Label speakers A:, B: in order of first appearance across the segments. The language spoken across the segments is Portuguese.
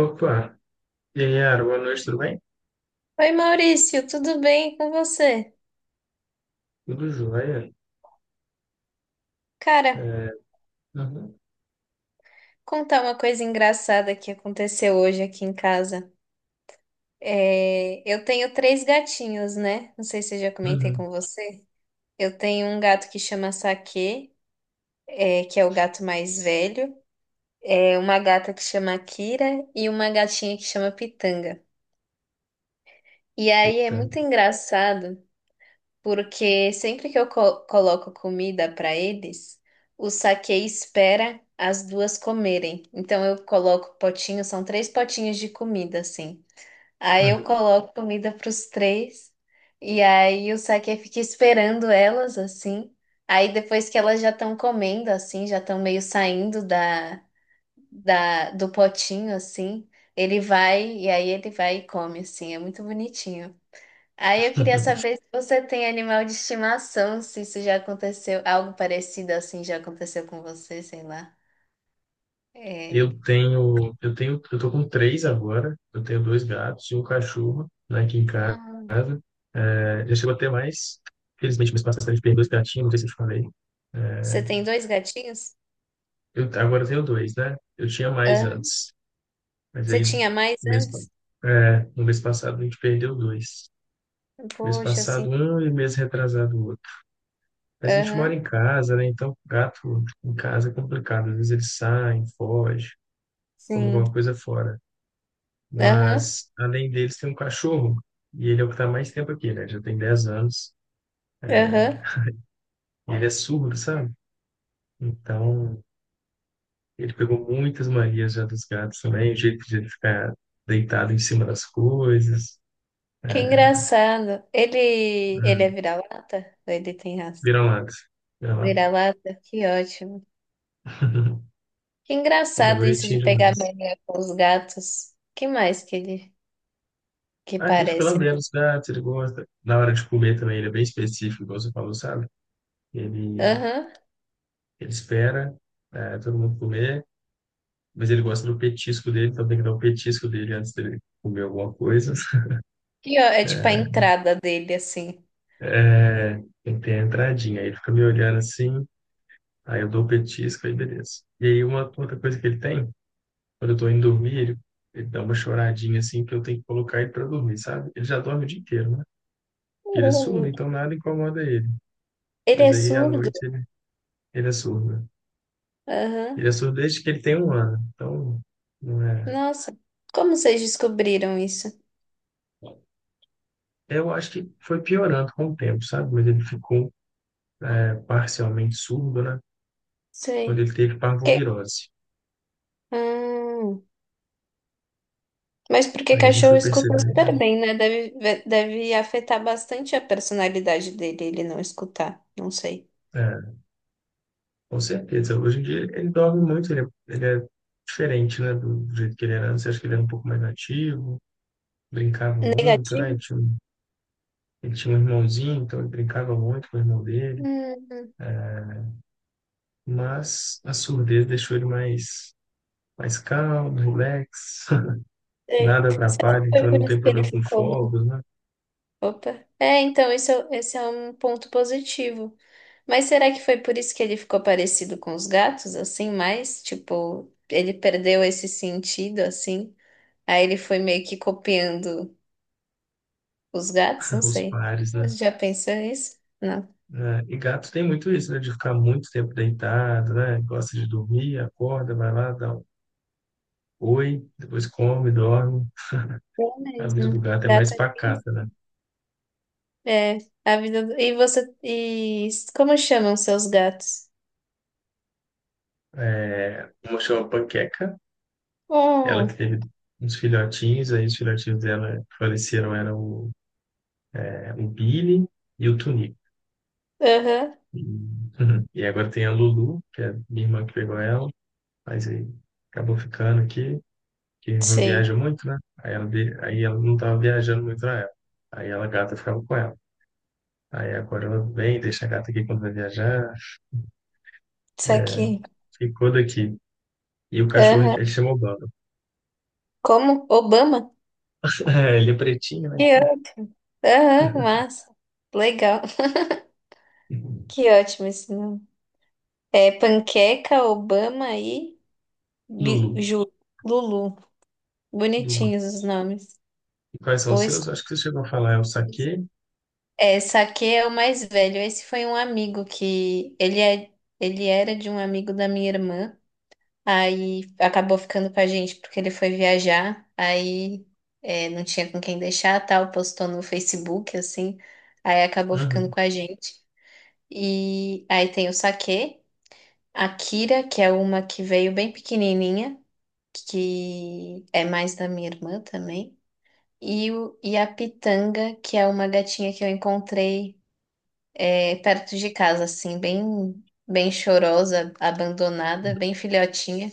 A: Opa, e aí, Yara, boa noite, tudo bem?
B: Oi Maurício, tudo bem com você?
A: Tudo jóia?
B: Cara,
A: É, uhum,
B: contar uma coisa engraçada que aconteceu hoje aqui em casa. Eu tenho três gatinhos, né? Não sei se eu já comentei
A: uhum,
B: com você. Eu tenho um gato que chama Saque, que é o gato mais velho. É uma gata que chama Kira e uma gatinha que chama Pitanga. E aí é
A: eita,
B: muito engraçado, porque sempre que eu coloco comida para eles, o Saque espera as duas comerem. Então eu coloco potinhos, são três potinhos de comida assim. Aí eu
A: uhum.
B: coloco comida para os três e aí o Saque fica esperando elas assim. Aí depois que elas já estão comendo assim, já estão meio saindo da do potinho assim, ele vai e come assim, é muito bonitinho. Aí eu queria saber se você tem animal de estimação, se isso já aconteceu, algo parecido assim já aconteceu com você, sei lá. É.
A: Eu tô com três agora, eu tenho dois gatos e um cachorro, né, aqui em casa.
B: Ah.
A: É, já chegou a ter mais, felizmente, mês passado a gente perdeu dois gatinhos, não sei se eu te falei.
B: Você tem dois gatinhos?
A: Agora eu tenho dois, né? Eu tinha mais
B: Aham.
A: antes, mas
B: Você
A: aí,
B: tinha mais
A: mês, pa-
B: antes?
A: no mês passado a gente perdeu dois. Mês
B: Poxa, assim.
A: passado um e mês retrasado outro. Mas a gente mora
B: Aham,
A: em casa, né? Então, gato em casa é complicado. Às vezes eles saem, fogem, comem
B: sim.
A: alguma coisa fora.
B: Aham,
A: Mas, além deles, tem um cachorro. E ele é o que está mais tempo aqui, né? Já tem 10 anos.
B: aham.
A: E ele é surdo, sabe? Então, ele pegou muitas manias já dos gatos também. O jeito de ele ficar deitado em cima das coisas.
B: Que engraçado. Ele é
A: Hum.
B: vira-lata? Ou ele tem raça?
A: Vira-lata. Vira-lata.
B: Vira-lata? Que ótimo. Que
A: Ele é
B: engraçado isso de
A: bonitinho
B: pegar
A: demais.
B: mania com os gatos. Que mais que ele que
A: Ah, ele fica
B: parece?
A: lambendo os gatos, ele gosta. Na hora de comer também, ele é bem específico, igual você falou, sabe? Ele,
B: Aham.
A: ele espera todo mundo comer, mas ele gosta do petisco dele, então tem que dar o petisco dele antes dele comer alguma coisa.
B: E ó, é tipo a
A: É,
B: entrada dele, assim.
A: é, tem que ter a entradinha. Aí ele fica me olhando assim, aí eu dou o petisco, aí beleza. E aí uma outra coisa que ele tem, quando eu tô indo dormir, ele dá uma choradinha assim, que eu tenho que colocar ele pra dormir, sabe? Ele já dorme o dia inteiro, né? Porque ele é
B: Oh,
A: surdo,
B: meu-
A: então nada incomoda ele.
B: Ele
A: Mas
B: é
A: aí à
B: surdo?
A: noite ele é surdo, né? Ele é
B: Aham.
A: surdo desde que ele tem 1 ano, então não é.
B: Nossa, como vocês descobriram isso?
A: Eu acho que foi piorando com o tempo, sabe? Mas ele ficou parcialmente surdo, né?
B: Sei.
A: Quando ele teve
B: Que...
A: parvovirose.
B: Hum. Mas porque
A: Aí a gente
B: cachorro
A: foi
B: escuta
A: perceber,
B: super bem, né? Deve afetar bastante a personalidade dele, ele não escutar. Não sei.
A: é, com certeza. Hoje em dia ele dorme muito, ele é diferente, né? Do jeito que ele era antes. Eu acho que ele era um pouco mais ativo, brincava muito, né?
B: Negativo?
A: Ele tinha um irmãozinho, então ele brincava muito com o irmão dele.
B: Hum,
A: Mas a surdez deixou ele mais calmo, relax,
B: sei.
A: nada
B: Será que
A: atrapalha, então
B: foi
A: ele
B: por
A: não
B: isso
A: tem
B: que ele
A: problema com
B: ficou...
A: fogos, né?
B: Opa. É, então, isso, esse é um ponto positivo. Mas será que foi por isso que ele ficou parecido com os gatos, assim, mais? Tipo, ele perdeu esse sentido, assim? Aí ele foi meio que copiando os gatos? Não
A: Os
B: sei.
A: pares, né?
B: Você já pensou nisso? Não.
A: Né? E gatos tem muito isso, né? De ficar muito tempo deitado, né? Gosta de dormir, acorda, vai lá, dá um oi, depois come, dorme.
B: É
A: A vida
B: mesmo.
A: do gato é
B: Gato
A: mais
B: é criança.
A: pacata, né?
B: É, a vida do... E você... E como chamam seus gatos?
A: É, uma chama Panqueca, ela que
B: Hum,
A: teve uns filhotinhos, aí os filhotinhos dela que faleceram, eram o Billy e o Tunico.
B: aham,
A: E, e agora tem a Lulu, que é minha irmã que pegou ela, mas aí acabou ficando aqui, que minha irmã
B: sei.
A: viaja muito, né? Aí ela não estava viajando muito na época. Aí ela a gata ficava com ela. Aí agora ela vem, deixa a gata aqui quando vai viajar,
B: Isso aqui.
A: ficou daqui. E o cachorro,
B: Aham.
A: ele chamou Bamba.
B: Como? Obama?
A: É, ele é pretinho, né? Então,
B: Aham, massa. Legal. Que ótimo esse nome. É Panqueca, Obama e
A: Lulu.
B: Ju, Lulu.
A: Lulu.
B: Bonitinhos os nomes.
A: E quais são os
B: Pois
A: seus? Acho que você chegou a falar, é o saquê.
B: é, Saque é o mais velho. Esse foi um amigo que ele era de um amigo da minha irmã. Aí acabou ficando com a gente porque ele foi viajar. Não tinha com quem deixar, tal, postou no Facebook assim. Aí acabou ficando
A: Uhum.
B: com a gente. E aí tem o Saque. A Kira, que é uma que veio bem pequenininha, que é mais da minha irmã também. E a Pitanga, que é uma gatinha que eu encontrei perto de casa, assim, bem chorosa, abandonada, bem filhotinha.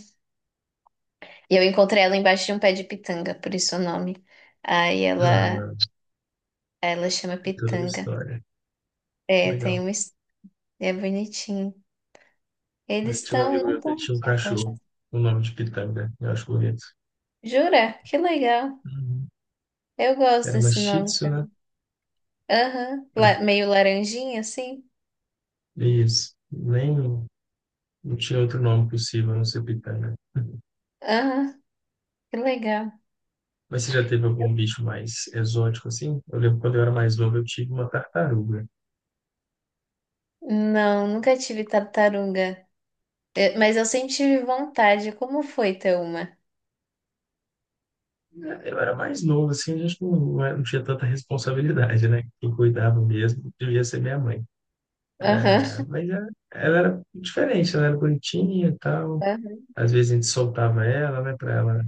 B: E eu encontrei ela embaixo de um pé de pitanga, por isso o nome. Aí ela,
A: Ah,
B: ela chama
A: tem toda uma
B: Pitanga.
A: história.
B: É,
A: Legal.
B: é bonitinho.
A: Eu tinha um amigo
B: Não
A: meu que ele
B: estão
A: tinha um
B: aqui agora.
A: cachorro, com o nome de Pitanga, eu acho bonito.
B: Jura? Que legal.
A: Uhum.
B: Eu gosto
A: Era uma
B: desse
A: Shih
B: nome.
A: Tzu, né?
B: Meio laranjinha assim.
A: Isso. Nem, Não tinha outro nome possível a não ser Pitanga.
B: Aham, que legal.
A: Mas você já teve algum bicho mais exótico assim? Eu lembro quando eu era mais novo, eu tive uma tartaruga.
B: Não, nunca tive tartaruga. É, mas eu sempre tive vontade. Como foi ter uma?
A: Eu era mais novo, assim, a gente não tinha tanta responsabilidade, né? Quem cuidava mesmo devia ser minha mãe, cara.
B: Aham.
A: Mas ela era diferente, ela era bonitinha e tal.
B: Aham.
A: Às vezes a gente soltava ela, né, pra ela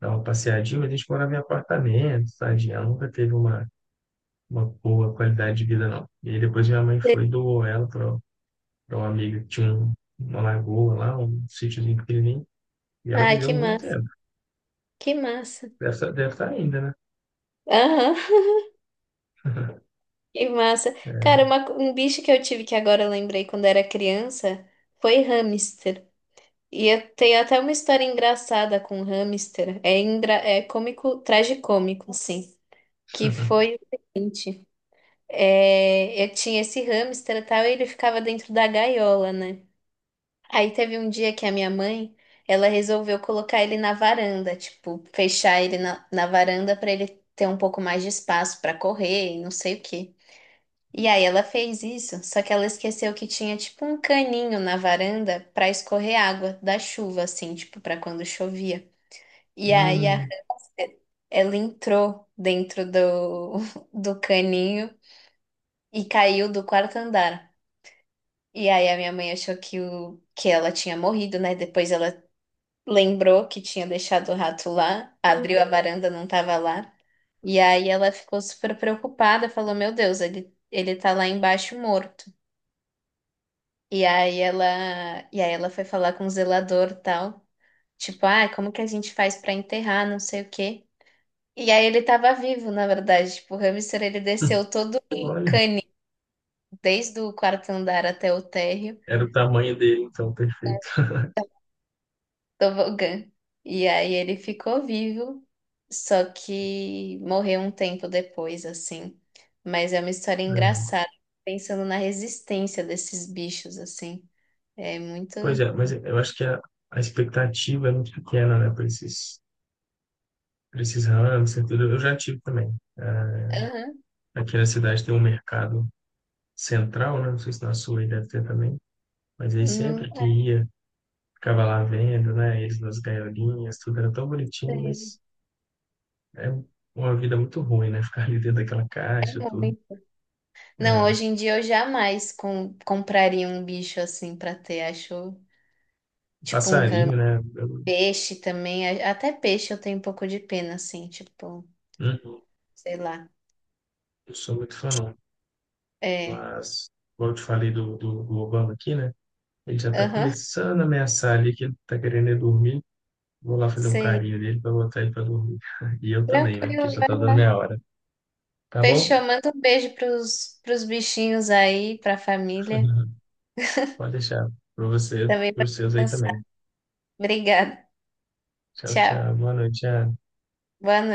A: dar uma passeadinha, mas a gente morava em apartamento, tadinha. Ela nunca teve uma boa qualidade de vida, não. E aí depois minha mãe foi e doou ela pra uma amiga que tinha uma lagoa lá, um sítiozinho pequenininho. E ela
B: Ai, que
A: viveu muito
B: massa,
A: tempo.
B: que massa.
A: Deve estar ainda, né?
B: Aham, que massa. Cara,
A: É.
B: um bicho que eu tive que agora eu lembrei quando era criança foi hamster. E eu tenho até uma história engraçada com hamster. É, engra... é cômico, tragicômico, assim. Que foi o seguinte. É, eu tinha esse hamster e tal, e ele ficava dentro da gaiola, né? Aí teve um dia que a minha mãe, ela resolveu colocar ele na varanda, tipo, fechar ele na varanda para ele ter um pouco mais de espaço para correr e não sei o quê. E aí ela fez isso, só que ela esqueceu que tinha tipo um caninho na varanda para escorrer água da chuva, assim, tipo, para quando chovia. E aí a
A: Hum.
B: ela entrou dentro do, do caninho e caiu do quarto andar. E aí a minha mãe achou que, o, que ela tinha morrido, né? Depois ela lembrou que tinha deixado o rato lá, abriu a... Uhum. Varanda, não tava lá. E aí ela ficou super preocupada, falou: "Meu Deus, ele tá lá embaixo morto". E aí ela e aí ela foi falar com o zelador, e tal, tipo: "Ah, como que a gente faz pra enterrar, não sei o quê". E aí ele tava vivo, na verdade, tipo, o hamster, ele desceu todo
A: Olha,
B: desde o quarto andar até o térreo.
A: era o tamanho dele, então, perfeito.
B: Tobogã. E aí ele ficou vivo, só que morreu um tempo depois, assim. Mas é uma história
A: É.
B: engraçada, pensando na resistência desses bichos, assim. É muito.
A: Pois é, mas eu acho que a expectativa é muito pequena, né, para esses ramos, e tudo. Eu já tive também. Ah,
B: Aham.
A: aqui na cidade tem um mercado central, né? Não sei se na sua aí deve ter também. Mas aí
B: Não
A: sempre que ia, ficava lá vendo, né? Eles nas gaiolinhas, tudo era tão bonitinho,
B: sei.
A: mas é uma vida muito ruim, né? Ficar ali dentro daquela
B: É
A: caixa, tudo.
B: muito. Não,
A: É,
B: hoje em dia eu jamais compraria um bicho assim pra ter. Acho tipo um ramo.
A: passarinho, né? Eu
B: Peixe também. Até peixe eu tenho um pouco de pena, assim, tipo,
A: não
B: sei lá.
A: não sou muito fã, não.
B: É.
A: Mas, como eu te falei do Obama aqui, né? Ele já tá
B: Aham.
A: começando a ameaçar ali que ele tá querendo é dormir. Vou lá fazer um
B: Sei.
A: carinho nele para botar ele para dormir. E eu também, né? Porque
B: Tranquilo,
A: já
B: vai
A: tá dando
B: lá.
A: minha hora. Tá bom?
B: Fechou, manda um beijo pros bichinhos aí, pra família.
A: Pode deixar. Para você,
B: Também
A: para
B: pra
A: os seus aí
B: descansar.
A: também.
B: Obrigada.
A: Tchau,
B: Tchau.
A: tchau. Boa noite, tchau.
B: Boa noite.